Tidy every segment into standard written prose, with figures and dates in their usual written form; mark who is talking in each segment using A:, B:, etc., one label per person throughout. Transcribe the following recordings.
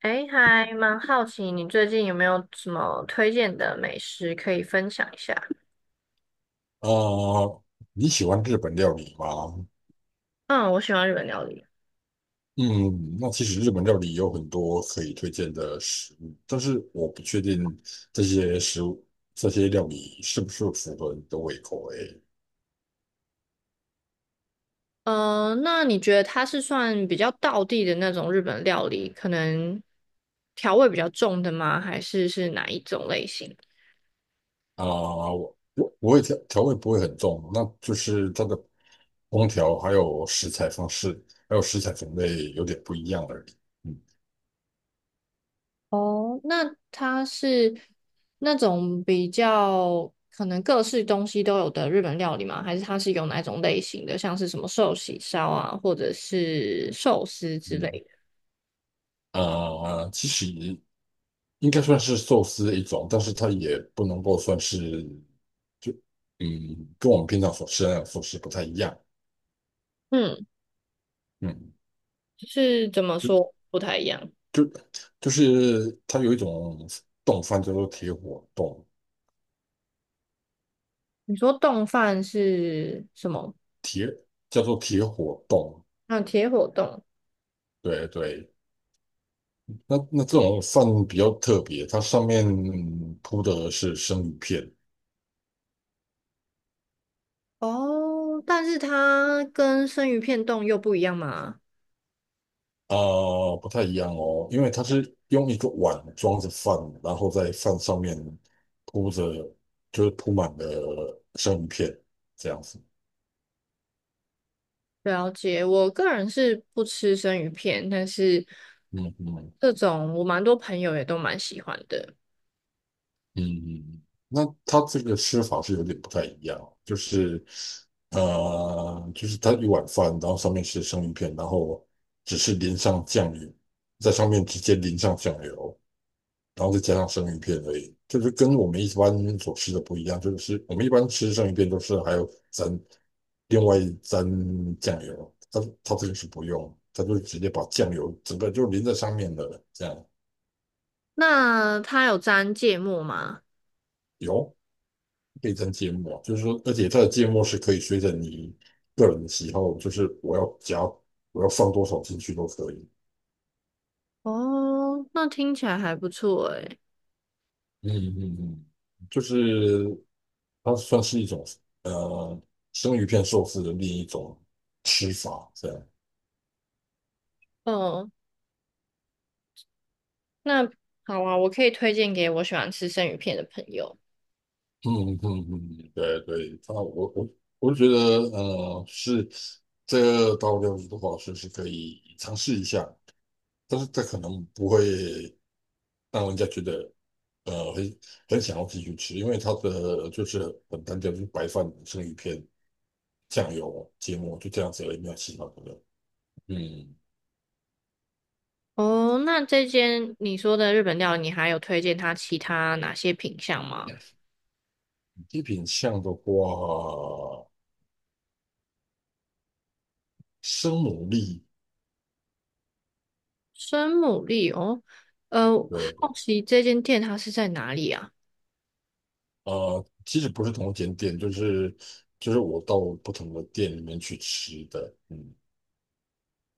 A: 哎，还蛮好奇你最近有没有什么推荐的美食可以分享一下？
B: 啊，你喜欢日本料理吗？
A: 嗯，我喜欢日本料理。
B: 嗯，那其实日本料理有很多可以推荐的食物，但是我不确定这些食物、这些料理是不是符合你的胃口诶。
A: 嗯，那你觉得它是算比较道地的那种日本料理，可能调味比较重的吗？还是是哪一种类型？
B: 啊、我也调味不会很重，那就是它的烹调还有食材方式，还有食材种类有点不一样而已。嗯
A: 哦，那它是那种比较可能各式东西都有的日本料理吗？还是它是有哪一种类型的，像是什么寿喜烧啊，或者是寿司之类
B: 嗯，
A: 的？
B: 其实应该算是寿司的一种，但是它也不能够算是，就嗯，跟我们平常所吃的那种寿司不太一样。
A: 嗯。
B: 嗯，
A: 就是怎么
B: 就
A: 说不太一样？
B: 就就是它有一种冻饭叫做铁火冻，
A: 你说冻饭是什么？
B: 叫做铁火冻。
A: 嗯，铁火冻，
B: 对对，那这种饭比较特别，它上面铺的是生鱼片。
A: 哦，但是它跟生鱼片冻又不一样嘛？
B: 啊，不太一样哦，因为它是用一个碗装着饭，然后在饭上面铺着，就是铺满了生鱼片这样子。
A: 了解。我个人是不吃生鱼片，但是
B: 嗯嗯
A: 这种我蛮多朋友也都蛮喜欢的。
B: 嗯，那它这个吃法是有点不太一样哦，就是就是它一碗饭，然后上面是生鱼片，然后只是淋上酱油，在上面直接淋上酱油，然后再加上生鱼片而已，就是跟我们一般所吃的不一样，就是我们一般吃生鱼片都是还有沾另外沾酱油，它这个是不用，它就直接把酱油整个就淋在上面的，这样
A: 那它有沾芥末吗？
B: 有可以沾芥末。就是说，而且它的芥末是可以随着你个人的喜好，就是我要放多少进去都可以。
A: 哦，那听起来还不错诶。
B: 嗯嗯嗯，就是它算是一种呃生鱼片寿司的另一种吃法，这样。
A: 哦，那好啊，我可以推荐给我喜欢吃生鱼片的朋友。
B: 嗯嗯嗯，对对，它我就觉得是这个道料理的话，是是可以尝试一下，但是这可能不会让人家觉得很很想要继续吃，因为它的就是很单调，就是白饭、生鱼片、酱油、芥末，就这样子而已，没有其他的了。嗯。
A: 哦，那这间你说的日本料理，你还有推荐它其他哪些品相吗？
B: 一品项的话，生牡蛎，
A: 生牡蛎哦，呃，
B: 对。
A: 好奇这间店它是在哪里啊？
B: 其实不是同一间店，就是就是我到不同的店里面去吃的，嗯。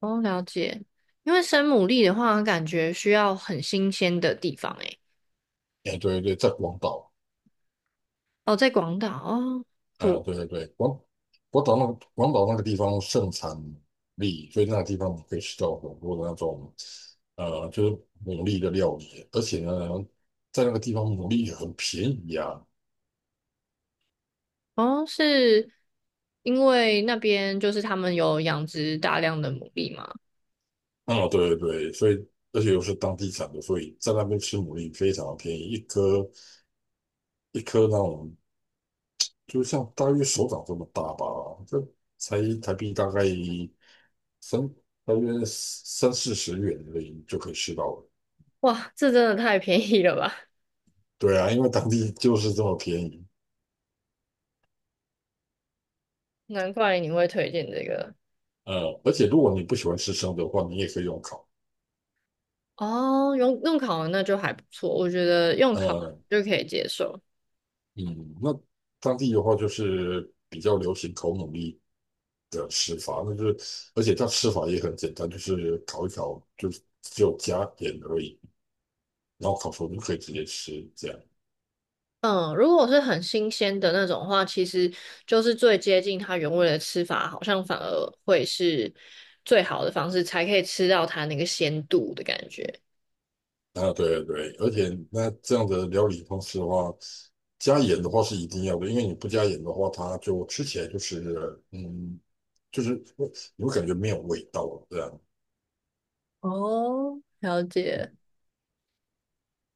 A: 哦，了解。因为生牡蛎的话，感觉需要很新鲜的地方诶。
B: 哎，对对，在广岛，
A: 哦，在广岛哦，
B: 还有
A: 不，
B: 对对对，广岛那个地方盛产牡蛎，所以那个地方可以吃到很多的那种，就是牡蛎的料理，而且呢，在那个地方牡蛎也很便宜啊。
A: 哦，是因为那边就是他们有养殖大量的牡蛎吗？
B: 哦，对对对，所以而且又是当地产的，所以在那边吃牡蛎非常便宜，一颗那种，就像大约手掌这么大吧，这才台币大概三大约三四十元而已就可以吃到了。
A: 哇，这真的太便宜了吧！
B: 对啊，因为当地就是这么便宜。
A: 难怪你会推荐这个。
B: 而且如果你不喜欢吃生的话，你也可以用烤。
A: 哦，用烤的那就还不错，我觉得用烤
B: 呃，
A: 就可以接受。
B: 嗯，那当地的话就是比较流行烤牡蛎的吃法，那就是而且它吃法也很简单，就是烤一烤，就是只有加盐而已，然后烤熟就可以直接吃这样。
A: 嗯，如果是很新鲜的那种话，其实就是最接近它原味的吃法，好像反而会是最好的方式，才可以吃到它那个鲜度的感觉。
B: 啊，对对，而且那这样的料理方式的话，加盐的话是一定要的，因为你不加盐的话，它就吃起来就是就是会你会感觉没有味道这样。
A: 哦，了解。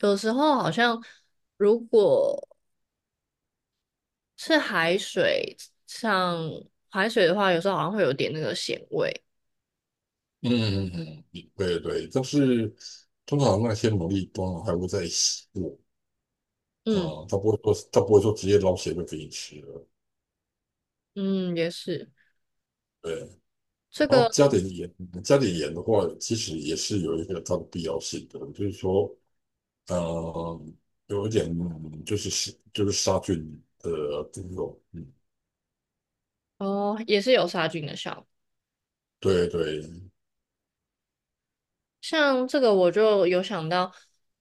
A: 有时候好像如果是海水，像海水的话，有时候好像会有点那个咸味。
B: 嗯嗯嗯，嗯对对，但是通常那些牡蛎通常还会再洗过，
A: 嗯
B: 嗯，它不会说直接捞起来就给你吃了。
A: 嗯，也是
B: 对。
A: 这
B: 然后
A: 个
B: 加点盐，加点盐的话，其实也是有一个它的必要性的。就是说，呃，有一点就是杀菌的作用，嗯，
A: 哦，也是有杀菌的效果。
B: 对对，
A: 像这个我就有想到，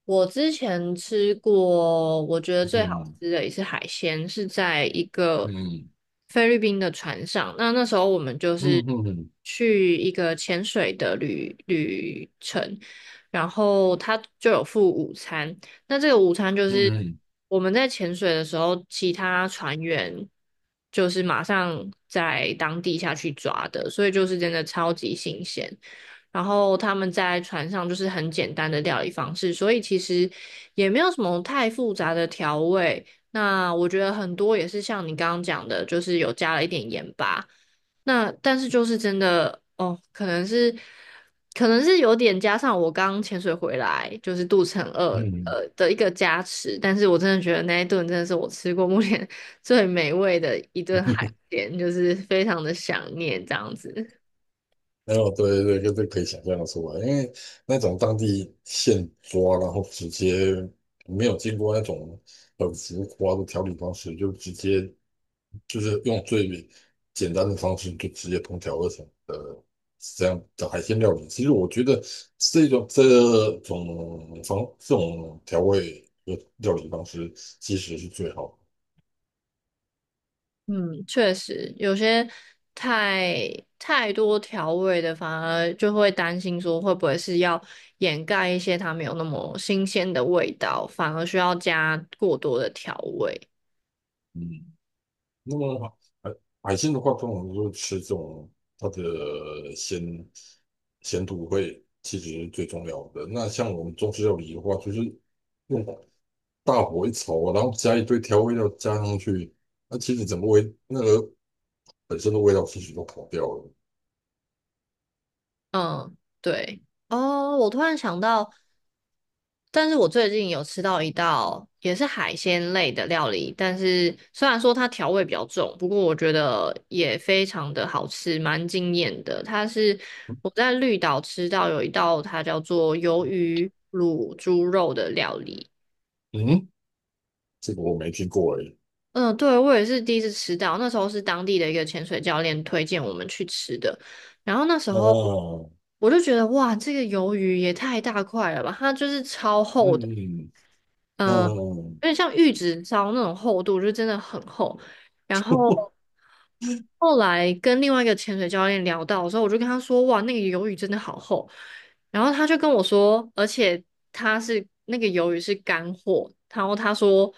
A: 我之前吃过，我觉得最好
B: 嗯
A: 吃的一次海鲜是在一个
B: 嗯
A: 菲律宾的船上。那那时候我们就
B: 嗯
A: 是
B: 嗯嗯
A: 去一个潜水的旅程，然后他就有附午餐。那这个午餐就是
B: 嗯
A: 我们在潜水的时候，其他船员就是马上在当地下去抓的，所以就是真的超级新鲜。然后他们在船上就是很简单的料理方式，所以其实也没有什么太复杂的调味。那我觉得很多也是像你刚刚讲的，就是有加了一点盐巴。那但是就是真的哦，可能是有点加上我刚潜水回来，就是肚子很饿
B: 嗯嗯。
A: 的一个加持。但是我真的觉得那一顿真的是我吃过目前 最美味的一顿海鲜，就是非常的想念这样子。
B: 没有，对对，就是可以想象的出来，因为那种当地现抓，然后直接没有经过那种很浮夸的调理方式，就直接就是用最简单的方式就直接烹调而成。是这样的海鲜料理，其实我觉得这种这这种调味的料理方式其实是最好的。
A: 嗯，确实，有些太太多调味的，反而就会担心说会不会是要掩盖一些它没有那么新鲜的味道，反而需要加过多的调味。
B: 嗯，那么海海鲜的话，通常就是吃这种它的鲜鲜度会其实是最重要的。那像我们中式料理的话，就是用大火一炒，然后加一堆调味料加上去，那其实整个味那个本身的味道其实都跑掉了。
A: 嗯，对。哦，我突然想到，但是我最近有吃到一道也是海鲜类的料理，但是虽然说它调味比较重，不过我觉得也非常的好吃，蛮惊艳的。它是我在绿岛吃到有一道它叫做鱿鱼卤猪肉的料理。
B: 嗯，这个我没听过诶。
A: 嗯，对，我也是第一次吃到，那时候是当地的一个潜水教练推荐我们去吃的，然后那时候
B: 啊
A: 我就觉得哇，这个鱿鱼也太大块了吧，它就是超厚的。
B: 嗯嗯，
A: 有点像 玉子烧那种厚度，就真的很厚。然后后来跟另外一个潜水教练聊到的时候，我就跟他说：“哇，那个鱿鱼真的好厚。”然后他就跟我说，而且他是那个鱿鱼是干货，然后他说，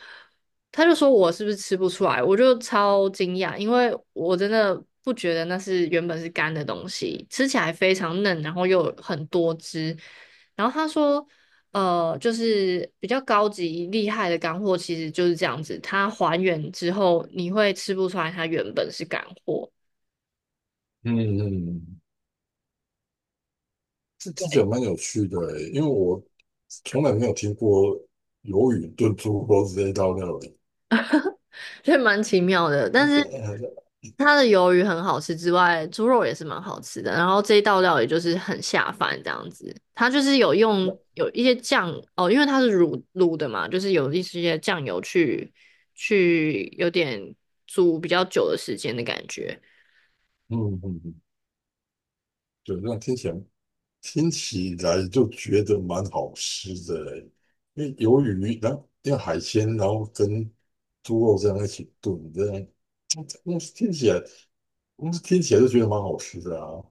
A: 他就说我是不是吃不出来？我就超惊讶，因为我真的不觉得那是原本是干的东西，吃起来非常嫩，然后又有很多汁。然后他说，就是比较高级厉害的干货，其实就是这样子，它还原之后，你会吃不出来它原本是干货，
B: 嗯，这这
A: 对，
B: 讲蛮有趣的欸，因为我从来没有听过鱿鱼炖猪肉这一道料理。
A: 所以蛮奇妙的。但是它的鱿鱼很好吃之外，猪肉也是蛮好吃的。然后这一道料也就是很下饭这样子，它就是有
B: 那
A: 用有一些酱哦，因为它是卤的嘛，就是有一些酱油去有点煮比较久的时间的感觉。
B: 嗯嗯，嗯对，那听起来就觉得蛮好吃的欸，因为鱿鱼，然后因为海鲜，然后跟猪肉这样一起炖，这样。嗯，那听起来，嗯，听起来就觉得蛮好吃的啊。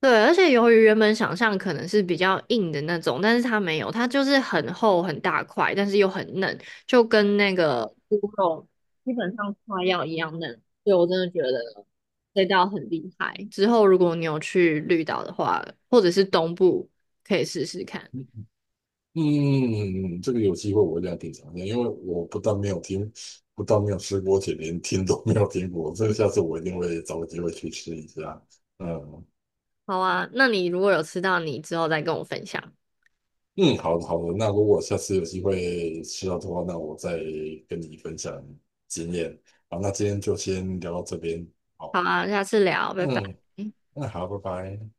A: 对，而且由于原本想象可能是比较硬的那种，但是它没有，它就是很厚很大块，但是又很嫩，就跟那个猪肉基本上快要一样嫩。所以我真的觉得这道很厉害。之后如果你有去绿岛的话，或者是东部，可以试试看。
B: 嗯，这个有机会我一定要品尝一下，因为我不但没有听，不但没有吃过，且连听都没有听过。这个下次我一定会找个机会去吃一下。嗯
A: 好啊，那你如果有吃到，你之后再跟我分享。
B: 嗯，好的好的，那如果下次有机会吃到的话，那我再跟你分享经验。好，那今天就先聊到这边。
A: 好
B: 好，
A: 啊，下次聊，拜拜。
B: 嗯，那好，拜拜。